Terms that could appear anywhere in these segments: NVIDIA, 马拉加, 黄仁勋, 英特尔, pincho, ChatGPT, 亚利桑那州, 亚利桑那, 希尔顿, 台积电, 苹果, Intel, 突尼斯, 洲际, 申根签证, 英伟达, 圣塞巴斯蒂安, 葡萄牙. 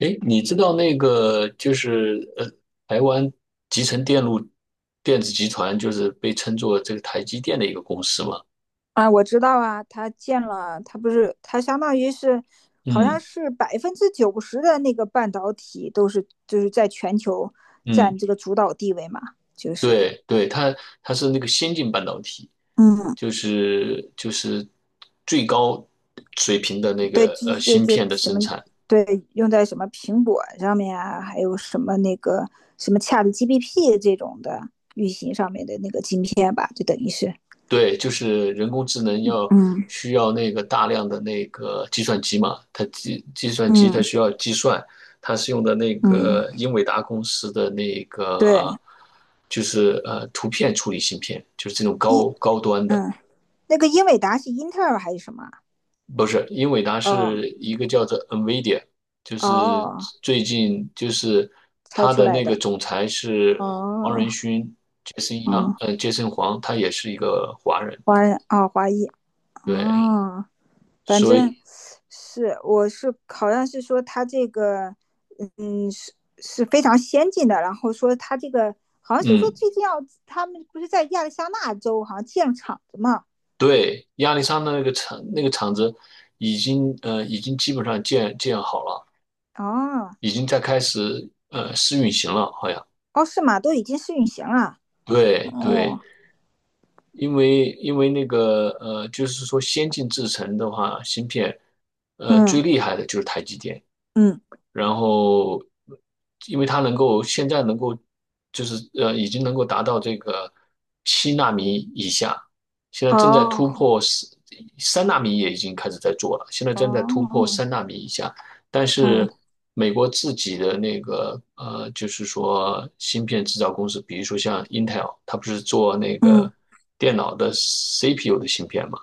诶，你知道那个就是台湾集成电路电子集团就是被称作这个台积电的一个公司嘛？啊，我知道啊，他建了，他不是，他相当于是，好像嗯是90%的那个半导体都是就是在全球占嗯，这个主导地位嘛，就是，对对，它是那个先进半导体，嗯，就是最高水平的那对，个就就芯就片的什生么，产，对，用在什么苹果上面啊，还有什么那个什么 ChatGPT 这种的运行上面的那个晶片吧，就等于是，对，就是人工智能要嗯需要那个大量的那个计算机嘛，它计算机它嗯需要计算，它是用的那嗯，个英伟达公司的那对，个就是图片处理芯片，就是这种一，高端的，嗯，那个英伟达是英特尔还是什么啊，不是，英伟达哦是一个叫做 NVIDIA,就是哦。最近就是猜它出的来那个的。总裁是黄哦，仁勋杰森样，嗯，呃杰森黄，他也是一个华人，华人啊，华裔，对，哦，反所以正是我是好像是说他这个，嗯，是非常先进的，然后说他这个好像是说嗯。最近要他们不是在亚利桑那州好像建厂子嘛？对，亚历山大那个厂子已经基本上建好了，哦，已经在开始试运行了，好像。哦是吗？都已经试运行了。对对，哦，因为那个，就是说先进制程的话，芯片最嗯厉害的就是台积电。嗯，然后，因为它能够现在能够，就是，已经能够达到这个7纳米以下，现在正在突哦破三纳米，也已经开始在做了，现在正在突破哦三纳米以下。但是哦美国自己的那个，就是说芯片制造公司，比如说像 Intel,它不是做那嗯个电脑的 CPU 的芯片嘛？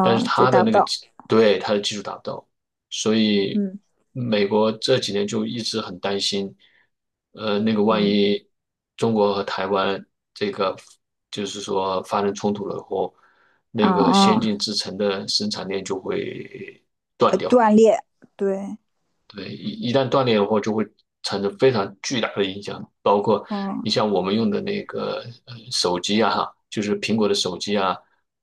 但是就它达的不那个到。技对它的技术达不到，所以嗯美国这几年就一直很担心，那个万嗯，一中国和台湾这个就是说发生冲突了以后，那个先哦，进制程的生产链就会断掉。断裂，对，对，一旦断裂的话，就会产生非常巨大的影响，包括嗯，你像我们用的那个手机啊，哈，就是苹果的手机啊，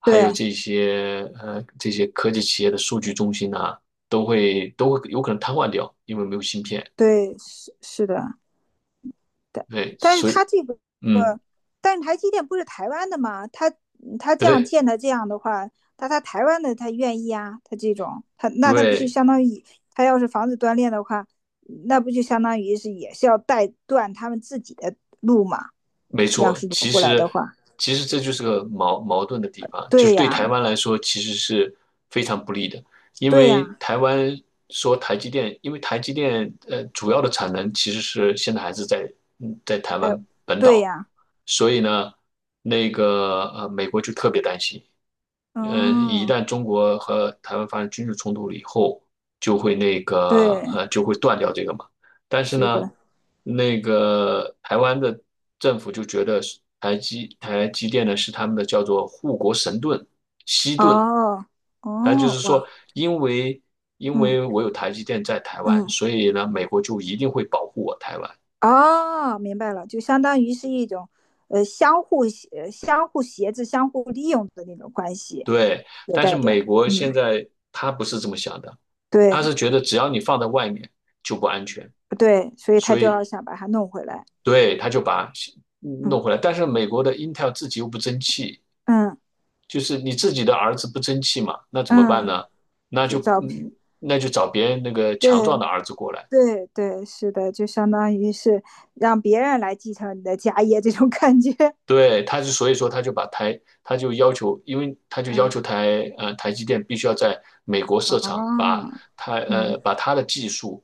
还对有这些这些科技企业的数据中心啊，都会有可能瘫痪掉，因为没有芯片。对，是的，但对，但是所他以这个，嗯，但是台积电不是台湾的吗？他这样对建的这样的话，那他台湾的他愿意啊，他这种他那他不就对。相当于他要是房子断裂的话，那不就相当于是也是要带断他们自己的路嘛？没要错，是挪其过来的实话，其实这就是个矛盾的地方，就对是对台呀，湾来说其实是非常不利的，因对为呀，台湾说台积电，因为台积电主要的产能其实是现在还是在台湾本对岛，呀，所以呢，那个美国就特别担心，一嗯，旦中国和台湾发生军事冲突了以后，就会那个对，呃就会断掉这个嘛。但是是的，呢，那个台湾的政府就觉得是台积电呢是他们的叫做护国神盾西盾，哦它就哦，是说，哇，因为因为嗯我有台积电在台湾，嗯。所以呢，美国就一定会保护我台湾。哦，明白了，就相当于是一种，相互协、相互挟制、相互利用的那种关系，对，有但是带点儿，美国现嗯，在他不是这么想的，对他是觉得只要你放在外面就不安全。对，所以他所就以要想把它弄回来，对，他就把嗯弄回来。但是美国的 Intel 自己又不争气，嗯就是你自己的儿子不争气嘛，那怎么办嗯，呢？那就就找，嗯，那就找别人那个对强壮的儿子过来。对对，是的，就相当于是让别人来继承你的家业这种感觉，对，他就所以说他就要求，因为他 就要嗯，求台积电必须要在美国设厂，哦，把他嗯呃把他的技术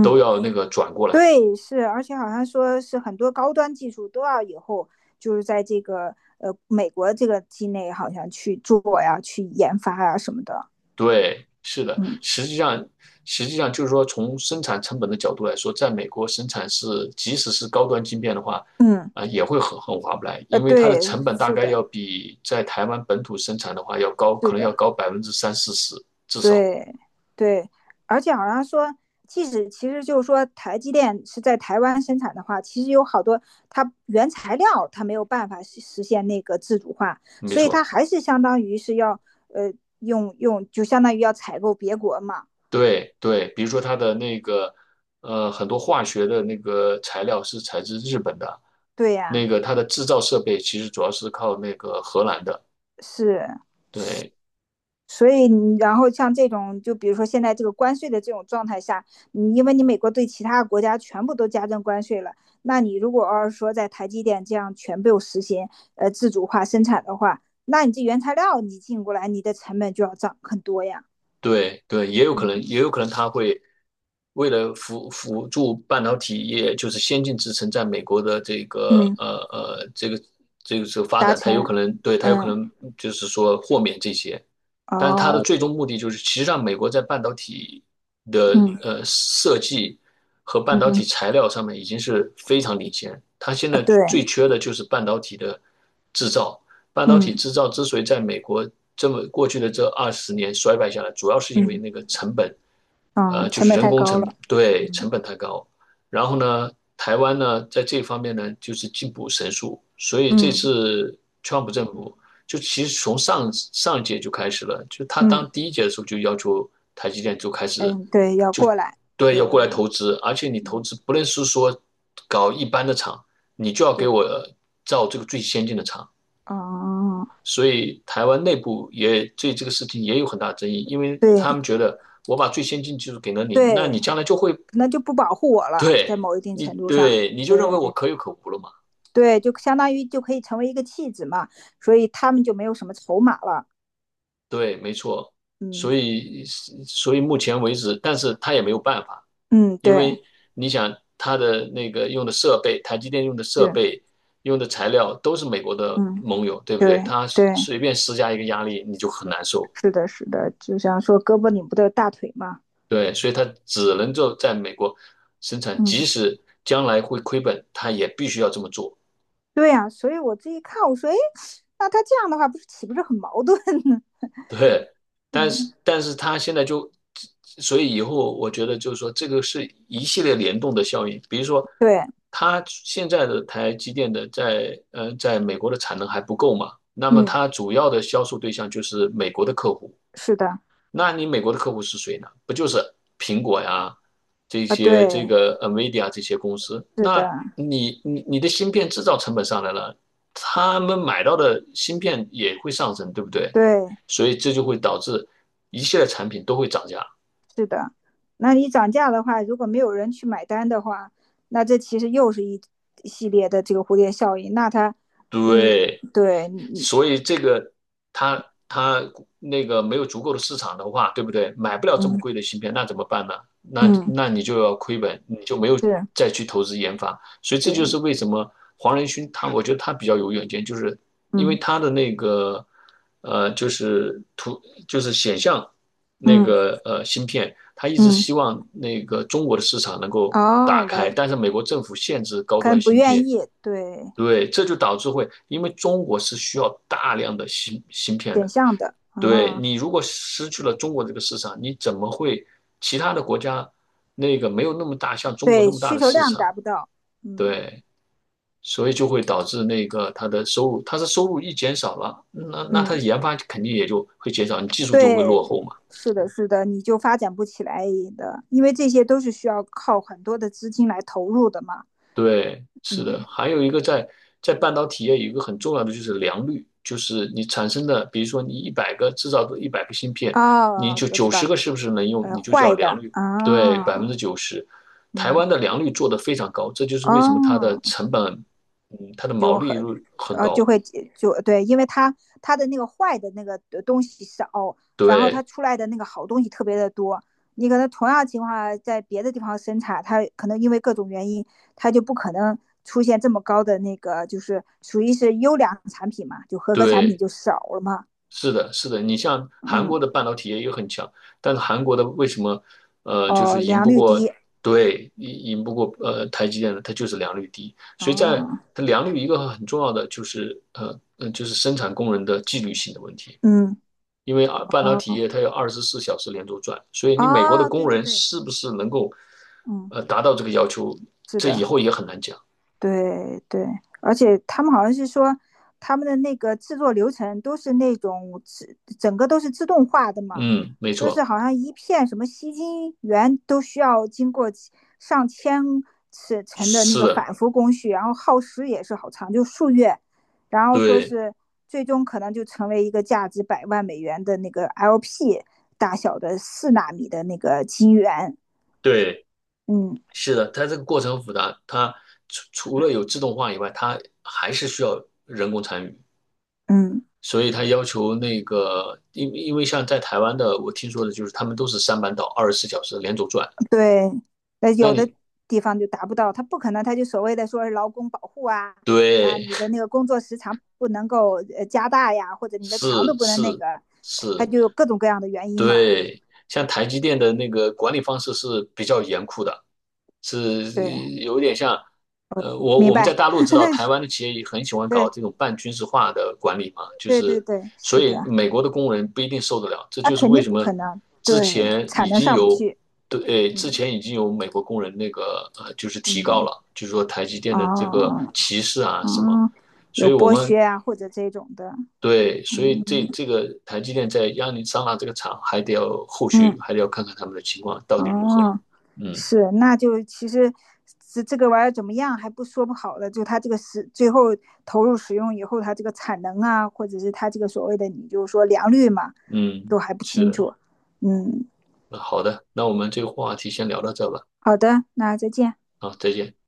都要那个转过来。对，是，而且好像说是很多高端技术都要以后就是在这个美国这个境内好像去做呀、去研发呀什么的。对，是的，嗯实际上，实际上就是说，从生产成本的角度来说，在美国生产是，即使是高端晶片的话，嗯，啊、也会很划不来，因为它的对，成本大是概的，要比在台湾本土生产的话要高，是可能的，要高百分之三四十，至少，对对，而且好像说，即使其实就是说台积电是在台湾生产的话，其实有好多它原材料它没有办法实现那个自主化，没所以它错。还是相当于是要呃用就相当于要采购别国嘛。对对，比如说它的那个，呃，很多化学的那个材料是采自日本的，对那呀、个它的制造设备其实主要是靠那个荷兰的，是，对，所以你然后像这种，就比如说现在这个关税的这种状态下，你因为你美国对其他国家全部都加征关税了，那你如果要是说在台积电这样全部实行自主化生产的话，那你这原材料你进过来，你的成本就要涨很多呀。对对，也有可能，嗯也有可能他会为了辅助半导体业，就是先进制程在美国的这个嗯，呃呃这个这个这个发达展，它有成，可能对它有嗯可能就是说豁免这些。但是它的哦，最终目的就是，其实上美国在半导体的嗯设计和半导体嗯材料上面已经是非常领先。它现啊在对，最缺的就是半导体的制造。半导体嗯制造之所以在美国这么过去的这20年衰败下来，主要是因为嗯那个成本，嗯，呃，就成是本人太工高成了。本，对，成嗯本太高。然后呢，台湾呢在这方面呢就是进步神速，所以这嗯次川普政府就其实从上上一届就开始了，就他嗯当第一届的时候就要求台积电就开始嗯，对，要就过来，对对，要要过来投资，而且你投嗯。资不论是说搞一般的厂，你就要给我造这个最先进的厂。哦，所以台湾内部也对这个事情也有很大争议，因为对他们觉得我把最先进技术给了你，那你对，将来就会那就不保护我了，在对某一定程你度上，对你就认为对我可有可无了嘛？对，就相当于就可以成为一个弃子嘛，所以他们就没有什么筹码了。对，没错。所嗯以所以目前为止，但是他也没有办法。嗯，因对，为你想它的那个用的设备，台积电用的设对备、用的材料都是美国的嗯盟友，对不对对？它对，随便施加一个压力，你就很难受。是的，是的，就像说胳膊拧不得大腿嘛，对，所以它只能够在美国生产，嗯，即使将来会亏本，它也必须要这么做。对呀、所以我自己看，我说，哎，那他这样的话，不是岂不是很矛盾呢？ 对，但嗯，是但是他现在就，所以以后我觉得就是说，这个是一系列联动的效应。比如说，对，他现在的台积电的在在美国的产能还不够嘛，那么嗯，它主要的销售对象就是美国的客户，是的，那你美国的客户是谁呢？不就是苹果呀，这啊，些对，这个 NVIDIA 这些公司？是的，那你的芯片制造成本上来了，他们买到的芯片也会上升，对不对？对，所以这就会导致一系列产品都会涨价。是的，那你涨价的话，如果没有人去买单的话，那这其实又是一系列的这个蝴蝶效应。那它，嗯，对。对你，你，所以这个它那个没有足够的市场的话，对不对？买不了这么嗯贵的芯片，那怎么办呢？那嗯，那你就要亏本，你就没有是，再去投资研发。所以这对，就是为什么黄仁勋他，我觉得他比较有远见，就是因为嗯他的那个呃，就是显像那嗯个芯片，他一直嗯，希望那个中国的市场能够哦，打来，开，但是美国政府限制高可端能不芯愿片。意，对，对，这就导致会，因为中国是需要大量的芯片选的。项的对，啊，你如果失去了中国这个市场，你怎么会其他的国家那个没有那么大，像中国对，那么大需的求市量达场？不到，嗯对，所以就会导致那个它的收入一减少了，那它嗯，的研发肯定也就会减少，你技术就会对，落后嘛。是的，是的，你就发展不起来的，因为这些都是需要靠很多的资金来投入的嘛，对，是的，嗯，还有一个在在半导体业有一个很重要的就是良率，就是你产生的，比如说你一百个制造的一百个芯片，你哦，就我知九十道，个是不是能用，你就叫坏的良率，对，百分啊，之九十。台嗯湾的良率做得非常高，这就是为什么它的哦，成本，嗯，它的毛利率很啊就高。会就对，因为它的那个坏的那个东西少，然后它对出来的那个好东西特别的多。你可能同样情况下在别的地方生产，它可能因为各种原因，它就不可能出现这么高的那个，就是属于是优良产品嘛，就合格产品对，就少了嘛。是的，是的，你像韩嗯，国的半导体业也很强，但是韩国的为什么，呃，就哦，是赢良不率过，低，对，赢不过台积电呢？它就是良率低，所以在哦，它良率一个很重要的就是就是生产工人的纪律性的问题，嗯，因为啊半导体哦，业它有二十四小时连轴转，所以你美国的哦，对工对人对，是不是能够嗯，达到这个要求，是这的。以后也很难讲。对对，而且他们好像是说，他们的那个制作流程都是那种自整个都是自动化的嘛，嗯，没说是错，好像一片什么吸金源都需要经过上千次层的那是个的，反复工序，然后耗时也是好长，就数月，然后说对是最终可能就成为一个价值100万美元的那个 LP 大小的4纳米的那个晶圆，对。嗯是的，它这个过程很复杂，它除了有自动化以外，它还是需要人工参与，嗯，所以它要求那个，因为像在台湾的，我听说的就是他们都是三班倒，二十四小时连轴转。对，那那有的你地方就达不到，他不可能，他就所谓的说是劳工保护啊，啊，对，你的那个工作时长不能够加大呀，或者 你的强度是不能那是个，他是，就有各种各样的原因嘛。对，像台积电的那个管理方式是比较严酷的，是对，有点像，呃，我明我们在白，大陆知道，台 湾的企业也很喜欢对，搞这种半军事化的管理嘛，就对对是对，所是以的，美国的工人不一定受得了，这那就是肯为定什不么可能，之对，前产已能经上不有去，对，之嗯前已经有美国工人那个呃，就是提告嗯，了，就是说台积电的这个哦歧视啊什么，哦，所以有我剥们削啊，或者这种的，对，所以这嗯这个台积电在亚利桑那这个厂还得要后嗯续还得要看看他们的情况到底如何。哦。嗯是，那就其实这个玩意儿怎么样还不说不好的，就它这个是最后投入使用以后，它这个产能啊，或者是它这个所谓的你就是说良率嘛，嗯，都还不是清的，楚。嗯，那好的，那我们这个话题先聊到这吧。好的，那再见。好，再见。